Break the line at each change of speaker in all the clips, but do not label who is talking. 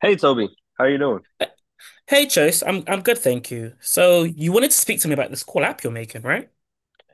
Hey Toby, how you doing?
Uh, Hey, Chase, I'm good, thank you. So you wanted to speak to me about this cool app you're making, right?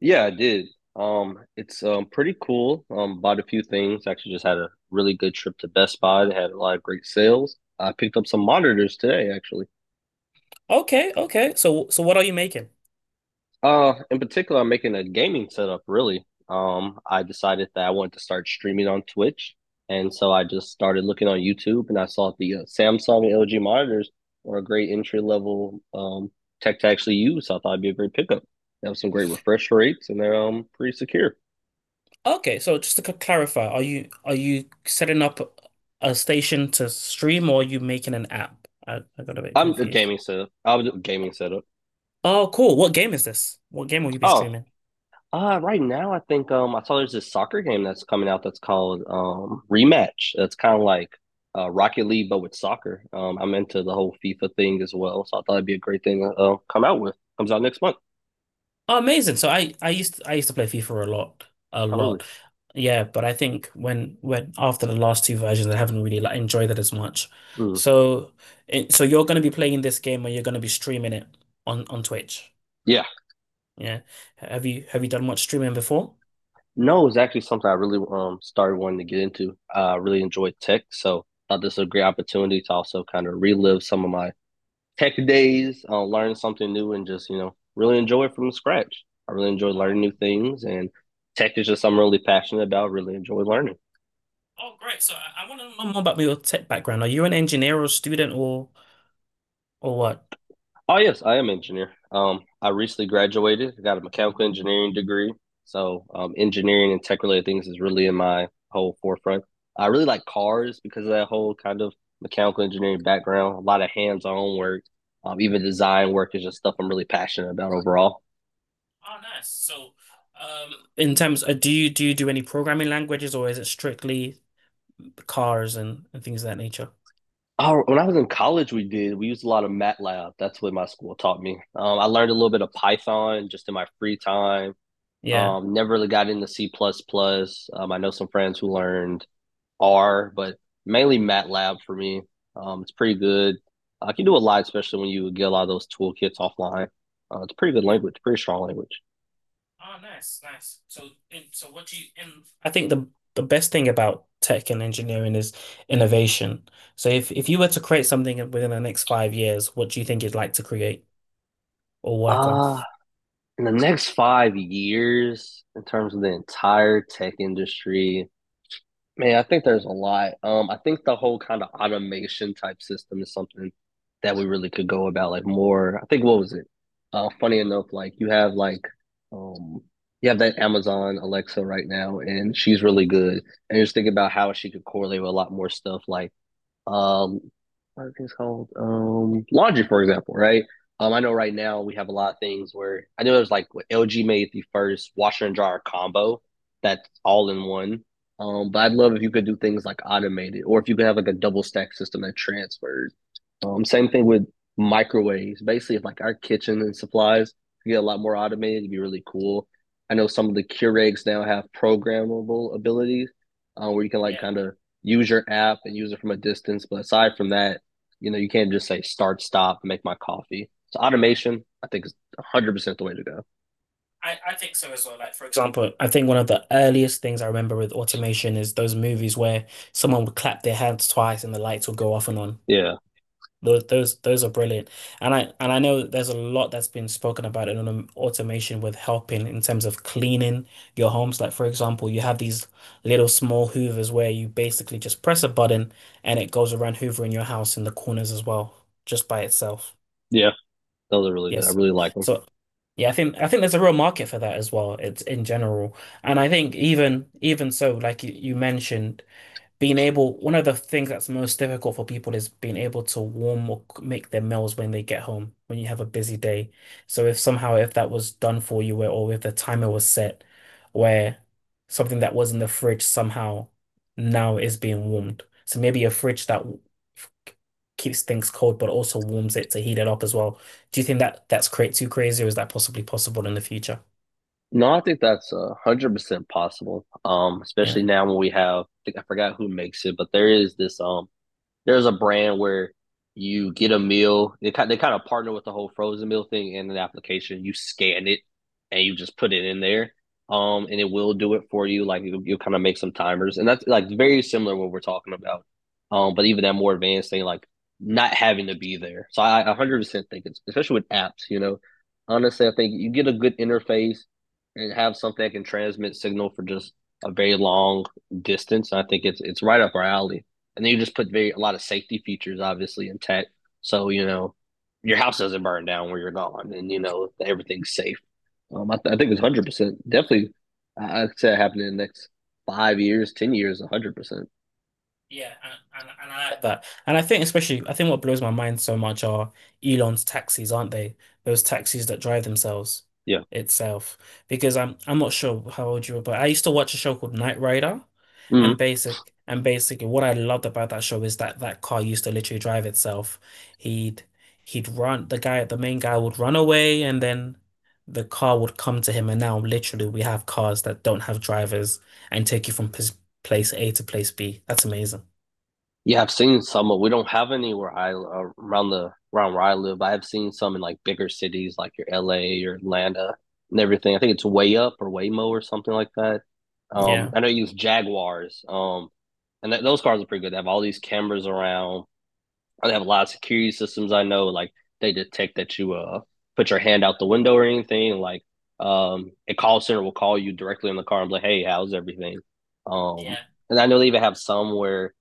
Yeah, I did. It's pretty cool. Bought a few things. Actually, just had a really good trip to Best Buy. They had a lot of great sales. I picked up some monitors today, actually.
Okay, okay. So what are you making?
In particular, I'm making a gaming setup, really. I decided that I wanted to start streaming on Twitch, and so I just started looking on YouTube, and I saw the Samsung and LG monitors were a great entry level tech to actually use. So I thought it'd be a great pickup. They have some great refresh rates, and they're pretty secure.
Okay, so just to clarify, are you setting up a station to stream or are you making an app? I got a bit
I'm a
confused.
gaming setup. I was a gaming setup.
Oh, cool. What game is this? What game will you be
Oh,
streaming?
uh, right now I think I saw there's this soccer game that's coming out that's called Rematch. That's kind of like Rocket League but with soccer. I'm into the whole FIFA thing as well, so I thought it'd be a great thing to come out with. Comes out next month.
Oh, amazing. So I used to play FIFA a lot, a
Oh, really?
lot. Yeah, but I think when after the last two versions, I haven't really like enjoyed it as much.
Mm.
So so you're going to be playing this game or you're going to be streaming it on Twitch.
Yeah.
Yeah. Have you done much streaming before?
No, it's actually something I really started wanting to get into. I really enjoy tech, so I thought this was a great opportunity to also kind of relive some of my tech days, learn something new, and just really enjoy it from scratch. I really enjoy learning
Oh,
new things, and tech is just something I'm really passionate about. Really enjoy learning.
oh great. So I want to know more about your tech background. Are you an engineer or student or what?
Oh yes, I am an engineer. I recently graduated. Got a mechanical engineering degree. So engineering and tech related things is really in my whole forefront. I really like cars because of that whole kind of mechanical engineering background. A lot of hands on work, even design work is just stuff I'm really passionate about overall.
Oh, nice. So in terms do you do any programming languages or is it strictly cars and, things of that nature.
Oh, when I was in college, we did. We used a lot of MATLAB. That's what my school taught me. I learned a little bit of Python just in my free time.
Yeah.
Never really got into C++, plus plus. I know some friends who learned R, but mainly MATLAB for me. It's pretty good. I can do a lot, especially when you get a lot of those toolkits offline. It's a pretty good
Yeah.
language, pretty strong language.
Oh, nice, nice. So, and so what do you and I think the best thing about tech and engineering is innovation. So if you were to create something within the next 5 years, what do you think you'd like to create or work on?
Uh, in the next 5 years, in terms of the entire tech industry, man, I think there's a lot. I think the whole kind of automation type system is something that we really could go about like more. I think what was it? Funny enough, like you have um you have that Amazon Alexa right now, and she's really good. And just think about how she could correlate with a lot more stuff like um, what are things called? Laundry, for example, right? I know right now we have a lot of things where I know there's like what LG made the first washer and dryer combo that's all in one. But
Yeah,
I'd love if you could do things like automated, or if you could have like a double stack system that transfers. Same thing with microwaves. Basically, if like our kitchen and supplies get a lot more automated, it'd be really cool. I know some of the Keurigs now have programmable abilities where you can like
yeah.
kind of use your app and use it from a distance. But aside from that, you know, you can't just say start, stop, make my coffee. So automation, I think, is 100% the way to go.
I think so as well. Like for example, I think one of the earliest things I remember with automation is those movies where someone would clap their hands twice and the lights would go off and on.
Yeah.
Those are brilliant. And I know that there's a lot that's been spoken about in automation with helping in terms of cleaning your homes. Like for example, you have these little small hoovers where you basically just press a button and it goes around hoovering your house in the corners as well, just by itself.
Yeah. Those are really good. I
Yes.
really like them.
So yeah, I think there's a real market for that as well. It's in general. And I think even so, like you mentioned being able, one of the things that's most difficult for people is being able to warm or make their meals when they get home, when you have a busy day. So if somehow if that was done for you where, or if the timer was set where something that was in the fridge somehow now is being warmed. So maybe a fridge that f- keeps things cold but also warms it to heat it up as well. Do you think that that's cra too crazy or is that possibly possible in the future?
No, I think that's 100% possible, especially
Yeah.
now when we have, I think, I forgot who makes it, but there is this there's a brand where you get a meal. They kind of partner with the whole frozen meal thing in an application. You scan it and you just put it in there. And it will do it for you. Like you kind of make some timers, and that's like very similar to what we're talking about. But even that more advanced thing, like not having to be there. So I 100% think it's especially with apps. You know, honestly, I think you get a good interface and have something that can transmit signal for just a very long distance. I think it's right up our alley, and then you just put very a lot of safety features obviously in tech. So you know your house doesn't burn down where you're gone, and you know everything's safe. I think it's 100% definitely. I would say it happened in the next 5 years, 10 years, 100%.
Yeah, and, and I like that. And I think especially, I think what blows my mind so much are Elon's taxis, aren't they? Those taxis that drive themselves
Yeah.
itself. Because I'm not sure how old you were, but I used to watch a show called Knight Rider,
Mm-hmm.
and basically what I loved about that show is that that car used to literally drive itself. He'd he'd run the main guy would run away, and then the car would come to him. And now literally we have cars that don't have drivers and take you from pos place A to place B. That's amazing.
Yeah, I've seen some, but we don't have any where I around where I live. I have seen some in like bigger cities, like your LA or Atlanta and everything. I think it's Way Up or Waymo or something like that.
Yeah.
I know you use Jaguars. And th those cars are pretty good. They have all these cameras around. They have a lot of security systems. I know, like they detect that you put your hand out the window or anything. Like, a call center will call you directly in the car and be like, "Hey, how's everything?" Um,
Yeah.
and I know they even have some where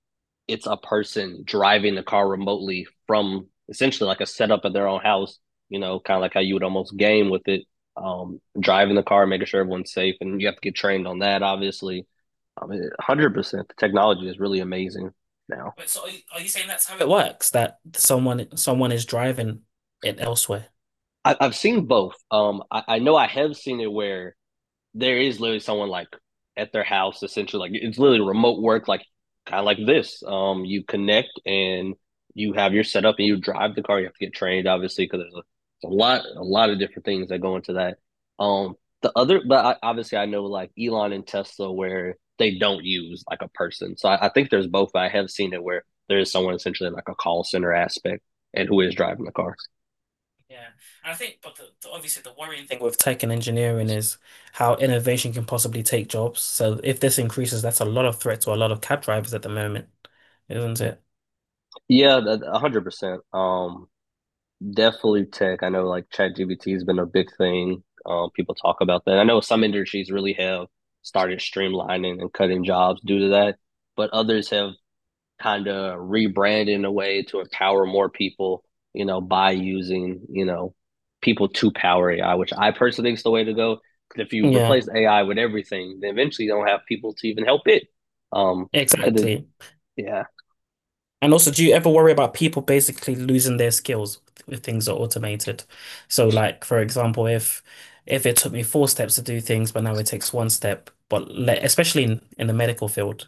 it's a person driving the car remotely from essentially like a setup of their own house, you know, kind of like how you would almost game with it, driving the car, making sure everyone's safe. And you have to get trained on that, obviously. I mean, 100%. The technology is really amazing now.
Wait, so are you saying that's how it works, that someone is driving it elsewhere.
I have seen both. I know I have seen it where there is literally someone like at their house, essentially like it's literally remote work, like kind of like this, you connect and you have your setup and you drive the car. You have to get trained obviously because there's a lot of different things that go into that, um the other but I, obviously, I know like Elon and Tesla where they don't use like a person. So I think there's both. I have seen it where there is someone essentially in like a call center aspect and who is driving the car.
Yeah. And I think, but the, obviously the worrying thing with tech and engineering is how innovation can possibly take jobs. So if this increases, that's a lot of threat to a lot of cab drivers at the moment, isn't it?
Yeah, 100%. Definitely tech. I know like ChatGPT has been a big thing. People talk about that. I know some industries really have started streamlining and cutting jobs due to that, but others have kind of rebranded in a way to empower more people, by using, people to power AI, which I personally think is the way to go. Because if you
Yeah,
replace AI with everything, then eventually you don't have people to even help it. Um,
mm,
because it,
exactly.
yeah,
And also, do you ever worry about people basically losing their skills if things are automated? So, like for example, if it took me four steps to do things, but now it takes one step, but le especially in the medical field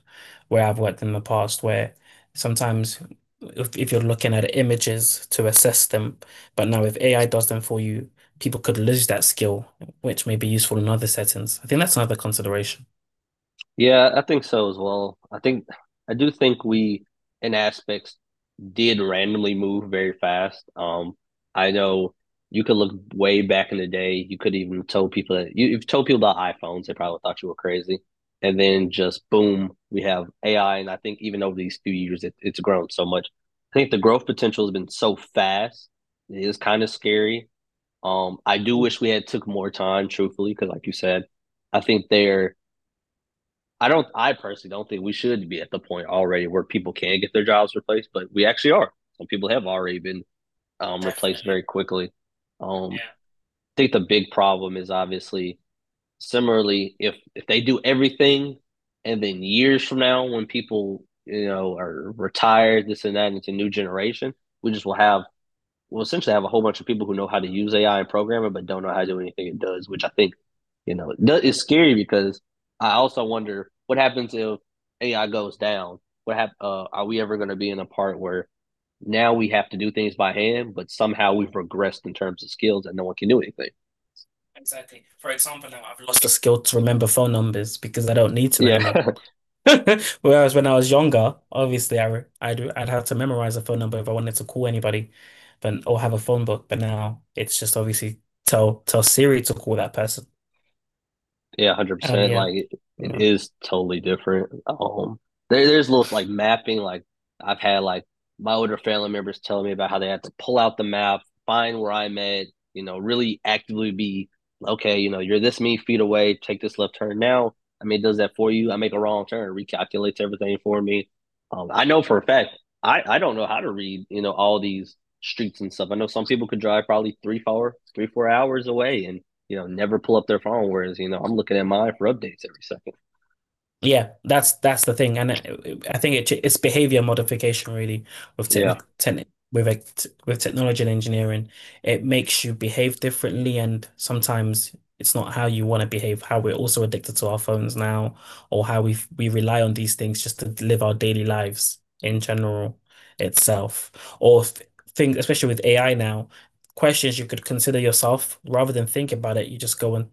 where I've worked in the past, where sometimes if you're looking at images to assess them, but now if AI does them for you, people could lose that skill, which may be useful in other settings. I think that's another consideration.
yeah, I think so as well. I do think we, in aspects, did randomly move very fast. I know you could look way back in the day. You could even told people that you've told people about iPhones, they probably thought you were crazy. And then just boom, we have AI. And I think even over these few years, it's grown so much. I think the growth potential has been so fast. It is kind of scary. I do wish we had took more time, truthfully, because like you said, I think there. I don't. I personally don't think we should be at the point already where people can get their jobs replaced, but we actually are. Some people have already been replaced
Definitely.
very quickly. Um, I think the big problem is obviously similarly if they do everything, and then years from now when people you know are retired, this and that, and it's a new generation, we just will have we'll essentially have a whole bunch of people who know how to use AI and program it, but don't know how to do anything it does, which I think, you know, it's scary because I also wonder what happens if AI goes down. Are we ever going to be in a part where now we have to do things by hand, but somehow we've regressed in terms of skills and no one can do anything?
Exactly. For example, now I've lost the skill to remember phone numbers because I don't need to
Yeah.
anymore. Whereas when I was younger, obviously I'd have to memorize a phone number if I wanted to call anybody, but or have a phone book. But now it's just obviously tell Siri to call that person.
Yeah, one hundred
And
percent.
yeah,
Like it
yeah.
is totally different. There's little like mapping. Like I've had like my older family members telling me about how they had to pull out the map, find where I'm at. You know, really actively be okay. You know, you're this many feet away. Take this left turn now. I mean, it does that for you. I make a wrong turn, recalculates everything for me. I know for a fact. I don't know how to read. You know, all these streets and stuff. I know some people could drive probably three, 4 hours away and you know, never pull up their phone. Whereas, you know, I'm looking at mine for updates every second.
Yeah, that's the thing, and I think it's behavior modification really with
Yeah.
technic techni with with technology and engineering. It makes you behave differently, and sometimes it's not how you want to behave. How we're also addicted to our phones now, or how we rely on these things just to live our daily lives in general itself, or th things, especially with AI now, questions you could consider yourself rather than think about it. You just go and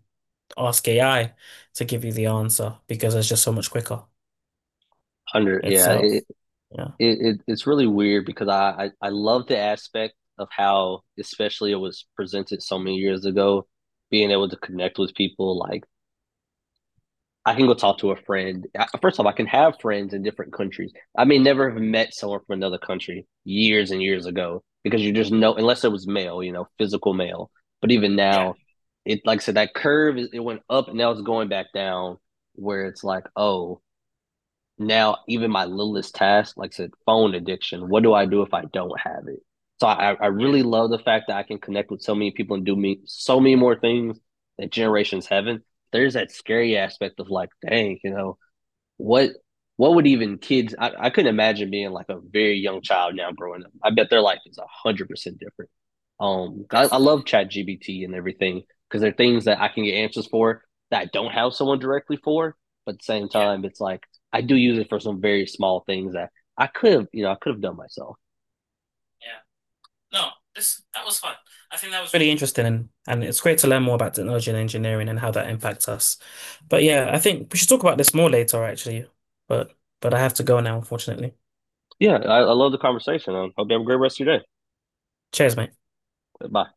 ask AI to give you the answer because it's just so much quicker
Yeah.
itself. Yeah.
It, it's really weird because I love the aspect of how, especially it was presented so many years ago, being able to connect with people, like I can go talk to a friend. First off, I can have friends in different countries. I may never have met someone from another country years and years ago because, you just know, unless it was mail, you know, physical mail. But even
Yeah,
now, it like I said, that curve is, it went up and now it's going back down, where it's like, oh, now even my littlest task, like I said, phone addiction. What do I do if I don't have it? So I really
yeah,
love the fact that I can connect with so many people and do me so many more things that generations haven't. There's that scary aspect of like, dang, you know, what what would even kids, I couldn't imagine being like a very young child now growing up. I bet their life is 100% different. I love
definitely.
ChatGPT and everything because there are things that I can get answers for that I don't have someone directly for, but at the same
Yeah,
time it's like I do use it for some very small things that I could have, you know, I could have done myself.
yeah. No, this that was fun. I think that was really interesting and, it's great to learn more about technology and engineering and how that impacts us. But yeah, I think we should talk about this more later actually. But I have to go now, unfortunately.
Yeah, I love the conversation. I hope you have a great rest of your day.
Cheers, mate.
Bye.